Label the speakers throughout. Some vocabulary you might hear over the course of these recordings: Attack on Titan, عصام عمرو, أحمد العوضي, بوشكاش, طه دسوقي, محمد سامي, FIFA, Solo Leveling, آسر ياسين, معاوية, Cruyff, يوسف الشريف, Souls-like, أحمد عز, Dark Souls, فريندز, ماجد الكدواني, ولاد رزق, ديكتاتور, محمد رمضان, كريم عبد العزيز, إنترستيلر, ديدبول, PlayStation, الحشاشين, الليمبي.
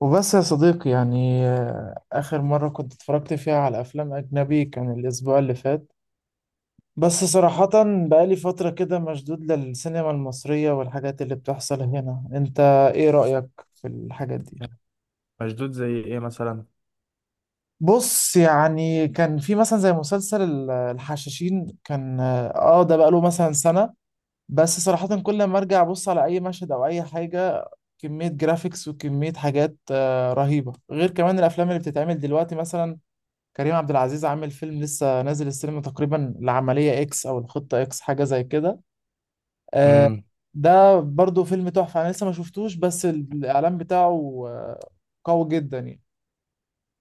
Speaker 1: وبس يا صديقي آخر مرة كنت اتفرجت فيها على أفلام أجنبي كان الأسبوع اللي فات. بس صراحة بقالي فترة كده مشدود للسينما المصرية والحاجات اللي بتحصل هنا. أنت إيه رأيك في الحاجات دي؟
Speaker 2: مشدود زي ايه مثلا؟
Speaker 1: بص يعني كان في مثلا زي مسلسل الحشاشين كان، آه ده بقاله مثلا سنة. بس صراحة كل ما أرجع أبص على أي مشهد أو أي حاجة، كمية جرافيكس وكمية حاجات رهيبة، غير كمان الأفلام اللي بتتعمل دلوقتي. مثلا كريم عبد العزيز عامل فيلم لسه نازل السينما تقريبا، العملية اكس او الخطة اكس حاجة زي كده. آه،
Speaker 2: امم
Speaker 1: ده برضو فيلم تحفة، انا لسه ما شفتوش، بس الاعلان بتاعه قوي جدا يعني.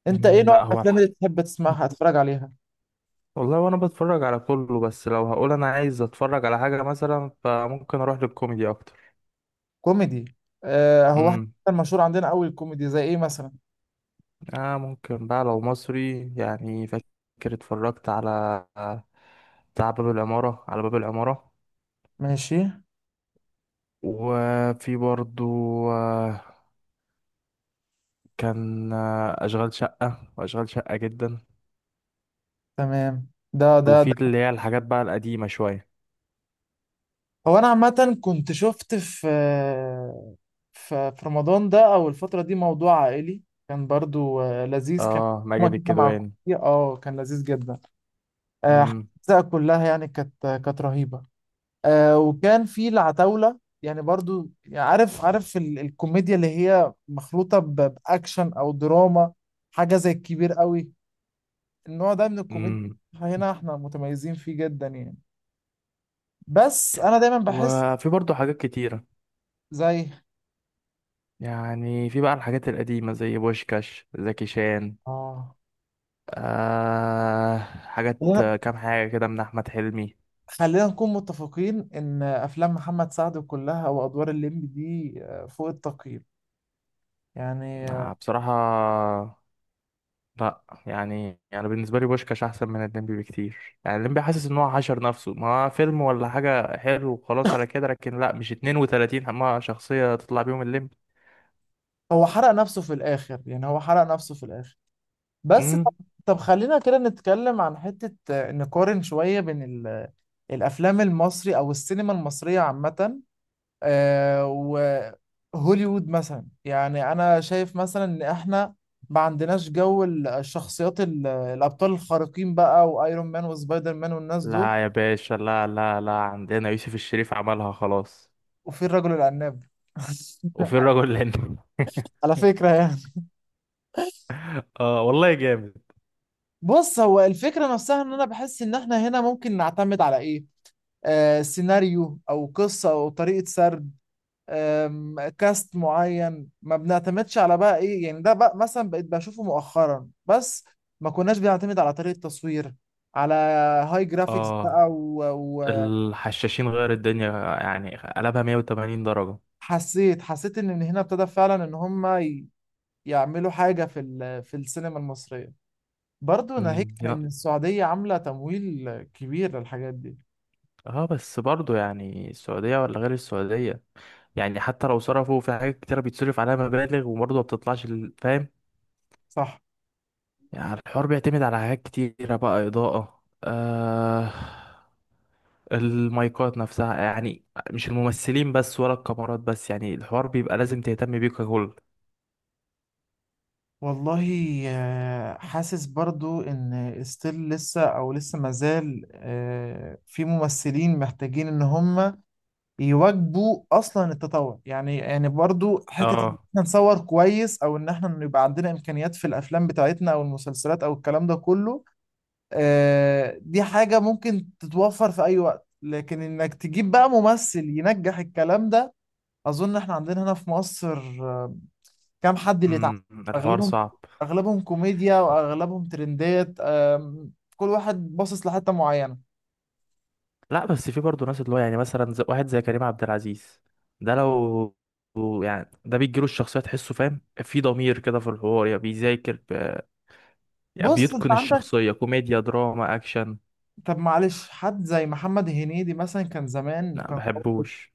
Speaker 1: انت ايه نوع
Speaker 2: لا، هو
Speaker 1: الافلام اللي
Speaker 2: الحق،
Speaker 1: بتحب تسمعها تتفرج عليها؟
Speaker 2: والله وانا بتفرج على كله، بس لو هقول انا عايز اتفرج على حاجة مثلا فممكن اروح للكوميدي اكتر.
Speaker 1: كوميدي، هو احنا
Speaker 2: امم
Speaker 1: مشهور عندنا قوي الكوميدي، زي ايه مثلا؟
Speaker 2: اه، ممكن بقى لو مصري، يعني فاكر اتفرجت على بتاع باب العمارة، على باب العمارة.
Speaker 1: ماشي.
Speaker 2: وفي برضو آه، كان أشغال شقة وأشغال شقة جدا.
Speaker 1: تمام. ده ده
Speaker 2: وفي
Speaker 1: ده
Speaker 2: اللي هي الحاجات بقى القديمة شوية.
Speaker 1: هو انا عامة كنت شفت في، ففي رمضان ده او الفتره دي، موضوع عائلي، كان برضو لذيذ كان.
Speaker 2: اه،
Speaker 1: هما
Speaker 2: ماجد
Speaker 1: كده مع
Speaker 2: الكدواني.
Speaker 1: كوفي، اه كان لذيذ جدا. آه، الاجزاء كلها يعني كانت رهيبه. وكان في العتاوله يعني، برضو يعني، عارف الكوميديا اللي هي مخلوطه باكشن او دراما، حاجه زي الكبير قوي. النوع ده من الكوميديا
Speaker 2: امم
Speaker 1: هنا احنا متميزين فيه جدا يعني. بس انا دايما بحس
Speaker 2: وفي برضه حاجات كتيرة،
Speaker 1: زي
Speaker 2: يعني في بقى الحاجات القديمة زي بوشكاش زكي شان،
Speaker 1: اه،
Speaker 2: آه حاجات، كام حاجة كده من أحمد حلمي.
Speaker 1: خلينا نكون متفقين ان افلام محمد سعد كلها او ادوار الليمبي دي فوق التقييم يعني.
Speaker 2: آه بصراحة، لا يعني بالنسبة لي بوشكاش أحسن من الليمبي بكتير، يعني الليمبي حاسس إن هو حشر نفسه، ما هو فيلم ولا حاجة حلو وخلاص، على كده لكن لا، مش 32 ما شخصية تطلع بيهم الليمبي.
Speaker 1: هو حرق نفسه في الاخر، يعني هو حرق نفسه في الاخر. بس
Speaker 2: مم؟
Speaker 1: طب، طب خلينا كده نتكلم عن حتة، نقارن شوية بين الافلام المصري او السينما المصرية عامة، آه، وهوليوود مثلا. يعني انا شايف مثلا ان احنا ما عندناش جو الشخصيات، الابطال الخارقين بقى، وايرون مان وسبايدر مان والناس دول،
Speaker 2: لا يا باشا، لا لا لا، عندنا يوسف الشريف عملها خلاص.
Speaker 1: وفي الرجل العناب.
Speaker 2: وفي الرجل الهندي.
Speaker 1: على فكرة يعني.
Speaker 2: اه والله جامد.
Speaker 1: بص، هو الفكرة نفسها ان انا بحس ان احنا هنا ممكن نعتمد على ايه؟ آه سيناريو او قصة او طريقة سرد، كاست معين. ما بنعتمدش على بقى ايه يعني ده بقى مثلا بقيت بشوفه مؤخرا، بس ما كناش بنعتمد على طريقة تصوير، على هاي جرافيكس بقى
Speaker 2: اه الحشاشين غير الدنيا، يعني قلبها 180 درجة.
Speaker 1: وحسيت، حسيت ان من هنا ابتدى فعلا ان هم يعملوا حاجة في في السينما المصرية. برضه ناهيك عن ان
Speaker 2: لا،
Speaker 1: السعودية عاملة تمويل كبير للحاجات دي.
Speaker 2: اه، بس برضو يعني السعودية ولا غير السعودية، يعني حتى لو صرفوا في حاجات كتيرة بيتصرف عليها مبالغ وبرضه ما بتطلعش فاهم.
Speaker 1: صح.
Speaker 2: يعني الحوار بيعتمد على حاجات كتيرة بقى، إضاءة، المايكات نفسها يعني، مش الممثلين بس ولا الكاميرات بس، يعني الحوار بيبقى لازم تهتم بيه ككل.
Speaker 1: والله، حاسس برضو ان ستيل لسه، او لسه مازال في ممثلين محتاجين ان هم يواجبوا اصلا التطور، يعني يعني برضو حتة ان
Speaker 2: اه.
Speaker 1: احنا نصور كويس، او ان احنا يبقى عندنا امكانيات في الافلام بتاعتنا او المسلسلات او الكلام ده كله. دي حاجة ممكن تتوفر في اي وقت، لكن انك تجيب بقى ممثل ينجح الكلام ده، اظن احنا عندنا هنا في مصر آه، كام حد اللي تع...
Speaker 2: الحوار
Speaker 1: اغلبهم،
Speaker 2: صعب.
Speaker 1: اغلبهم كوميديا واغلبهم ترندات. كل واحد باصص لحته معينه.
Speaker 2: لا بس في برضه ناس، اللي هو يعني مثلا زي واحد زي كريم عبد العزيز، ده لو يعني ده بيجيله الشخصية تحسه فاهم، في ضمير كده في الحوار، يعني يعني
Speaker 1: بص انت
Speaker 2: بيتقن
Speaker 1: عندك،
Speaker 2: الشخصية، كوميديا دراما أكشن.
Speaker 1: طب معلش حد زي محمد هنيدي مثلا كان زمان
Speaker 2: لا
Speaker 1: كان قوي.
Speaker 2: بحبوش.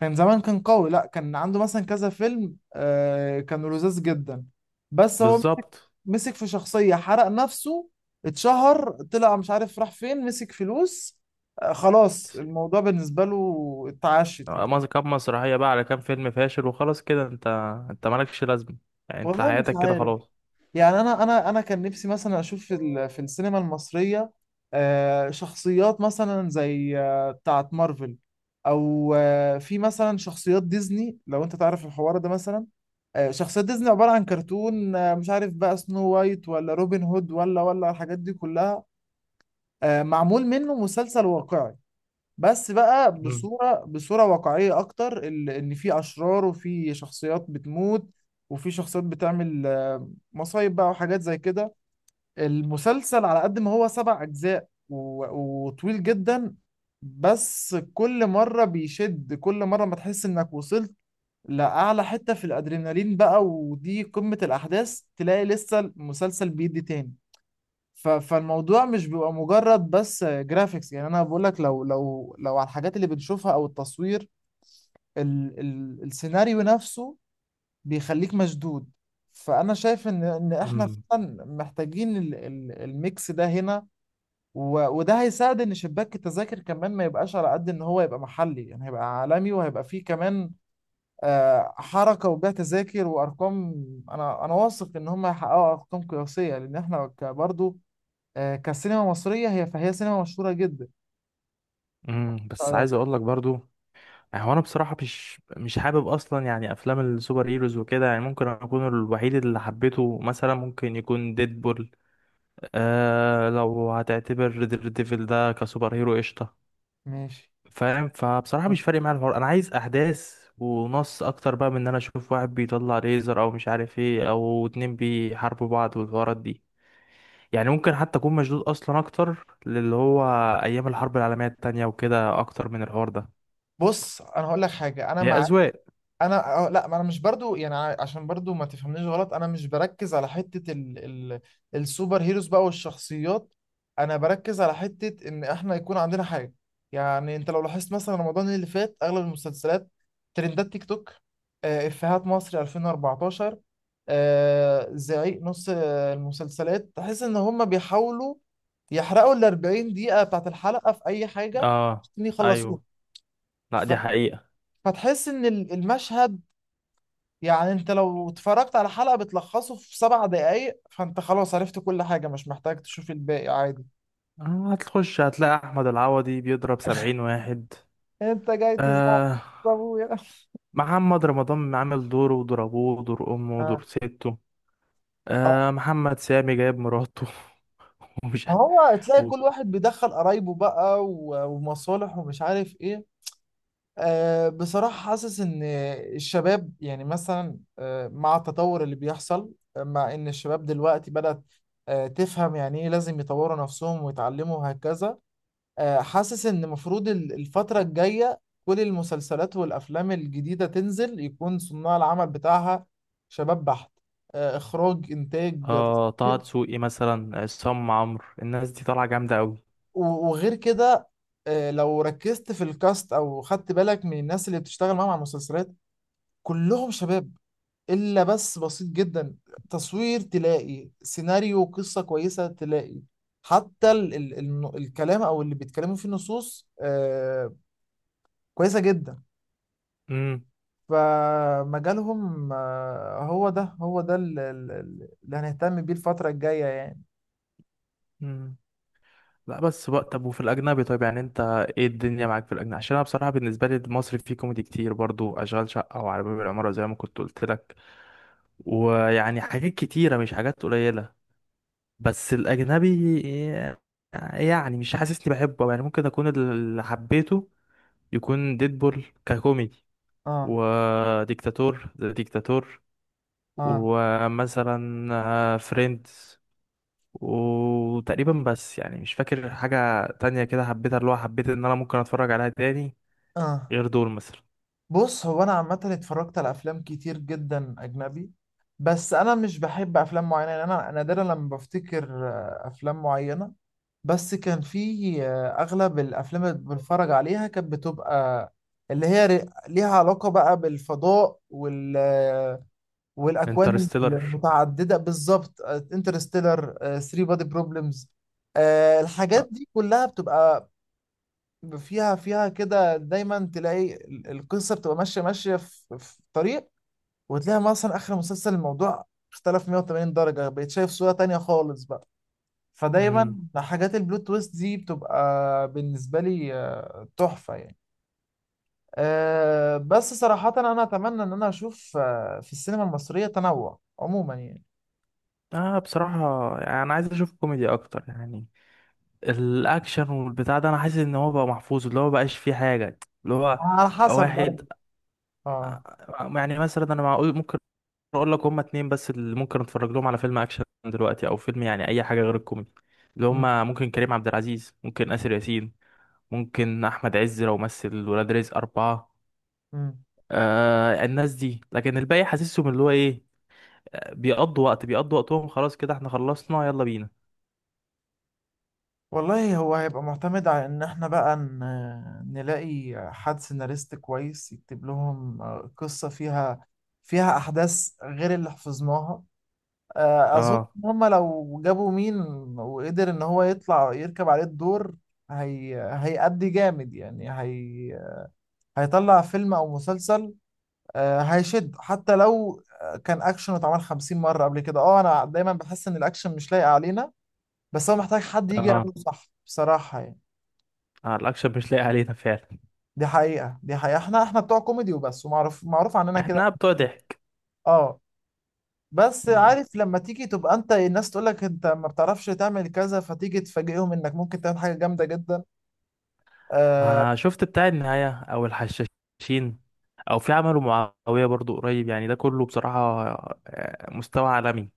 Speaker 1: كان زمان كان قوي. لا كان عنده مثلا كذا فيلم كانوا لذاذ جدا، بس هو مسك،
Speaker 2: بالظبط.
Speaker 1: مسك في شخصيه، حرق نفسه، اتشهر، طلع مش عارف راح فين، مسك فلوس، خلاص
Speaker 2: بس-
Speaker 1: الموضوع بالنسبه له اتعشت يعني.
Speaker 2: كام مسرحية بقى على كام فيلم فاشل وخلاص كده انت مالكش لازمة، يعني انت
Speaker 1: والله مش
Speaker 2: حياتك كده
Speaker 1: عارف،
Speaker 2: خلاص.
Speaker 1: يعني انا كان نفسي مثلا اشوف في في السينما المصريه شخصيات مثلا زي بتاعه مارفل، او في مثلا شخصيات ديزني. لو انت تعرف الحوار ده مثلا، شخصيات ديزني عباره عن كرتون، مش عارف بقى سنو وايت ولا روبن هود ولا الحاجات دي كلها، معمول منه مسلسل واقعي، بس بقى
Speaker 2: مم.
Speaker 1: بصورة واقعية أكتر، إن في أشرار وفي شخصيات بتموت، وفي شخصيات بتعمل مصايب بقى وحاجات زي كده. المسلسل على قد ما هو سبع أجزاء وطويل جدا، بس كل مرة بيشد. كل مرة ما تحس إنك وصلت لأعلى حتة في الأدرينالين بقى ودي قمة الأحداث، تلاقي لسه المسلسل بيدي تاني. فالموضوع مش بيبقى مجرد بس جرافيكس، يعني انا بقول لك لو لو على الحاجات اللي بنشوفها او التصوير، ال السيناريو نفسه بيخليك مشدود. فانا شايف ان احنا
Speaker 2: مم.
Speaker 1: فعلا محتاجين ال الميكس ده هنا، وده هيساعد ان شباك التذاكر كمان ما يبقاش على قد ان هو يبقى محلي، يعني هيبقى عالمي وهيبقى فيه كمان حركة وبيع تذاكر وارقام. انا واثق ان هم هيحققوا ارقام قياسية، لان احنا برضه كسينما مصرية هي، فهي سينما مشهورة جدا.
Speaker 2: مم. بس
Speaker 1: رأيك؟
Speaker 2: عايز اقول لك برضو، يعني هو انا بصراحه مش حابب اصلا يعني افلام السوبر هيروز وكده، يعني ممكن اكون الوحيد اللي حبيته مثلا ممكن يكون ديدبول. آه لو هتعتبر دير ديفل ده كسوبر هيرو قشطه.
Speaker 1: ماشي.
Speaker 2: فاهم، فبصراحه مش فارق معايا الحوار، انا عايز احداث ونص اكتر بقى من ان انا اشوف واحد بيطلع ليزر او مش عارف ايه، او اتنين بيحاربوا بعض والحوارات دي، يعني ممكن حتى اكون مشدود اصلا اكتر للي هو ايام الحرب العالميه التانية وكده اكتر من الحوار ده.
Speaker 1: بص انا هقول لك حاجة، انا
Speaker 2: هي
Speaker 1: مع،
Speaker 2: اذواق.
Speaker 1: انا لا، ما انا مش برضو يعني عشان برضو ما تفهمنيش غلط، انا مش بركز على حتة ال السوبر هيروز بقى والشخصيات، انا بركز على حتة ان احنا يكون عندنا حاجة. يعني انت لو لاحظت مثلا رمضان اللي فات اغلب المسلسلات ترندات تيك توك، افيهات مصر 2014، زعيق، نص المسلسلات تحس ان هم بيحاولوا يحرقوا ال 40 دقيقة بتاعت الحلقة في اي حاجة
Speaker 2: اه.
Speaker 1: عشان يخلصوها.
Speaker 2: ايوه. لا،
Speaker 1: ف-
Speaker 2: دي حقيقة.
Speaker 1: فتحس ان المشهد، يعني انت لو اتفرجت على حلقة بتلخصه في سبع دقايق، فانت خلاص عرفت كل حاجة، مش محتاج تشوف الباقي عادي.
Speaker 2: هتخش هتلاقي أحمد العوضي بيضرب 70 واحد.
Speaker 1: انت جاي تزعق
Speaker 2: آه
Speaker 1: ابويا.
Speaker 2: محمد رمضان عامل دوره وضربوه ودور أمه ودور
Speaker 1: اه.
Speaker 2: سته.
Speaker 1: اه.
Speaker 2: آه محمد سامي جايب مراته. ومش
Speaker 1: ما
Speaker 2: عارف.
Speaker 1: هو تلاقي
Speaker 2: و-
Speaker 1: كل واحد بيدخل قرايبه بقى ومصالح ومش عارف ايه. أه بصراحة حاسس ان الشباب، يعني مثلا أه مع التطور اللي بيحصل، مع ان الشباب دلوقتي بدأت أه تفهم يعني ايه لازم يطوروا نفسهم ويتعلموا وهكذا، حاسس ان المفروض الفترة الجاية كل المسلسلات والافلام الجديدة تنزل يكون صناع العمل بتاعها شباب بحت، اخراج انتاج
Speaker 2: آه طه
Speaker 1: تصوير.
Speaker 2: دسوقي مثلا، عصام عمرو، الناس دي طالعة جامدة أوي.
Speaker 1: وغير كده لو ركزت في الكاست او خدت بالك من الناس اللي بتشتغل معاهم على المسلسلات كلهم شباب، الا بس بسيط جدا. تصوير تلاقي، سيناريو قصة كويسة تلاقي، حتى ال الكلام او اللي بيتكلموا فيه النصوص كويسة جدا.
Speaker 2: مم.
Speaker 1: فمجالهم هو ده اللي هنهتم بيه الفترة الجاية يعني.
Speaker 2: مم. لا بس بقى طب، وفي الاجنبي طيب يعني، انت ايه الدنيا معاك في الاجنبي؟ عشان انا بصراحه بالنسبه لي المصري فيه كوميدي كتير برضو، اشغال شقه وعلى باب العماره زي ما كنت قلت لك، ويعني حاجات كتيره مش حاجات قليله. بس الاجنبي يعني مش حاسسني بحبه، يعني ممكن اكون اللي حبيته يكون ديدبول ككوميدي،
Speaker 1: اه.
Speaker 2: وديكتاتور ذا ديكتاتور،
Speaker 1: اه.
Speaker 2: ومثلا فريندز. وتقريبا بس، يعني مش فاكر حاجة تانية كده حبيتها، اللي هو حبيت ان انا ممكن اتفرج عليها تاني
Speaker 1: اه،
Speaker 2: غير دول مثلا.
Speaker 1: بص هو انا عامة اتفرجت على افلام كتير جدا اجنبي، بس انا مش بحب افلام معينة، يعني انا نادرا لما بفتكر افلام معينة. بس كان في اغلب الافلام اللي بنتفرج عليها كانت بتبقى اللي هي ليها علاقة بقى بالفضاء وال والاكوان
Speaker 2: انترستيلر.
Speaker 1: المتعدده بالظبط. انترستيلر، 3 بادي بروبلمز، الحاجات
Speaker 2: اه.
Speaker 1: دي كلها بتبقى فيها كده. دايما تلاقي القصه بتبقى ماشيه في في طريق، وتلاقي مثلا اخر مسلسل الموضوع اختلف 180 درجه، بقيت شايف صوره تانية خالص بقى. فدايما
Speaker 2: مم.
Speaker 1: حاجات البلوت تويست دي بتبقى بالنسبه لي تحفه يعني. بس صراحه انا اتمنى ان انا اشوف في السينما المصريه تنوع عموما يعني.
Speaker 2: بصراحة يعني انا عايز اشوف كوميدي اكتر يعني، الاكشن والبتاع ده انا حاسس ان هو بقى محفوظ، اللي هو مبقاش فيه حاجة اللي هو
Speaker 1: على حسب.
Speaker 2: واحد.
Speaker 1: اه.
Speaker 2: يعني مثلا انا معقول ممكن اقول لك هما اتنين بس اللي ممكن اتفرج لهم على فيلم اكشن دلوقتي، او فيلم يعني اي حاجة غير الكوميدي، اللي
Speaker 1: مم.
Speaker 2: هما ممكن كريم عبد العزيز، ممكن آسر ياسين، ممكن احمد عز لو مثل ولاد رزق 4.
Speaker 1: مم.
Speaker 2: آه الناس دي، لكن الباقي حاسسهم اللي هو ايه، بيقضوا وقت بيقضوا وقتهم، خلاص كده احنا خلصنا يلا بينا.
Speaker 1: والله هو هيبقى معتمد على ان احنا بقى نلاقي حد سيناريست كويس يكتب لهم قصة فيها، فيها احداث غير اللي حفظناها. اظن
Speaker 2: اه.
Speaker 1: ان هم لو جابوا مين وقدر ان هو يطلع يركب عليه الدور، هيأدي جامد يعني. هيطلع فيلم او مسلسل هيشد حتى لو كان اكشن اتعمل 50 مرة قبل كده. اه انا دايما بحس ان الاكشن مش لايق علينا، بس هو محتاج حد يجي
Speaker 2: اه,
Speaker 1: يعمله صح بصراحة يعني.
Speaker 2: الاكشن مش لاقي علينا فعلا.
Speaker 1: دي حقيقة. دي حقيقة. احنا، احنا بتوع كوميدي وبس، ومعروف، معروف عننا كده.
Speaker 2: احنا بتوع ضحك.
Speaker 1: اه. بس
Speaker 2: مم.
Speaker 1: عارف لما تيجي تبقى انت، الناس تقول لك انت ما بتعرفش تعمل كذا، فتيجي تفاجئهم انك ممكن تعمل حاجة جامدة جدا. آه.
Speaker 2: ما شفت بتاع النهاية او الحشاشين، او في عمله معاوية برضو قريب، يعني ده كله بصراحة مستوى عالمي.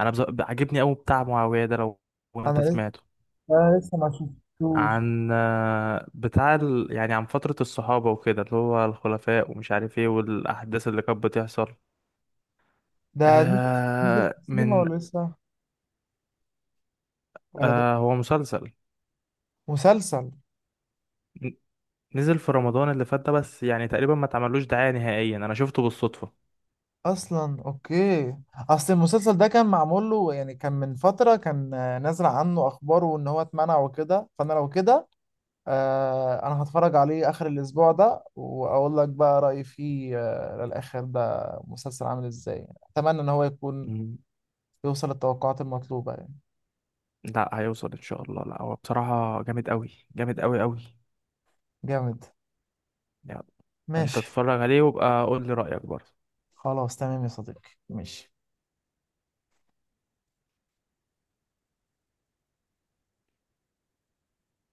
Speaker 2: عاجبني قوي بتاع معاوية ده، لو
Speaker 1: انا
Speaker 2: انت
Speaker 1: لسه،
Speaker 2: سمعته،
Speaker 1: انا لسه ما شفتوش.
Speaker 2: عن يعني عن فترة الصحابة وكده اللي هو الخلفاء ومش عارف ايه، والأحداث اللي كانت بتحصل
Speaker 1: ده نزل، نزل في
Speaker 2: آه
Speaker 1: السينما
Speaker 2: من
Speaker 1: ولا لسه، ولا ده
Speaker 2: آه هو مسلسل.
Speaker 1: مسلسل؟
Speaker 2: ن- نزل في رمضان اللي فات ده بس، يعني تقريبا ما اتعملوش دعاية نهائيا، أنا شفته بالصدفة.
Speaker 1: اصلا اوكي، اصل المسلسل ده كان معمول له، يعني كان من فترة كان نازل عنه اخباره ان هو اتمنع وكده، فانا لو كده آه انا هتفرج عليه اخر الاسبوع ده واقول لك بقى رايي فيه. آه للاخر ده مسلسل عامل ازاي، اتمنى ان هو يكون
Speaker 2: مم.
Speaker 1: يوصل للتوقعات المطلوبه يعني.
Speaker 2: لا، هيوصل إن شاء الله، لا هو بصراحة جامد أوي جامد أوي أوي.
Speaker 1: جامد.
Speaker 2: يعني أنت
Speaker 1: ماشي.
Speaker 2: اتفرج عليه وابقى قول لي رأيك برضه.
Speaker 1: خلاص تمام يا صديقي، ماشي.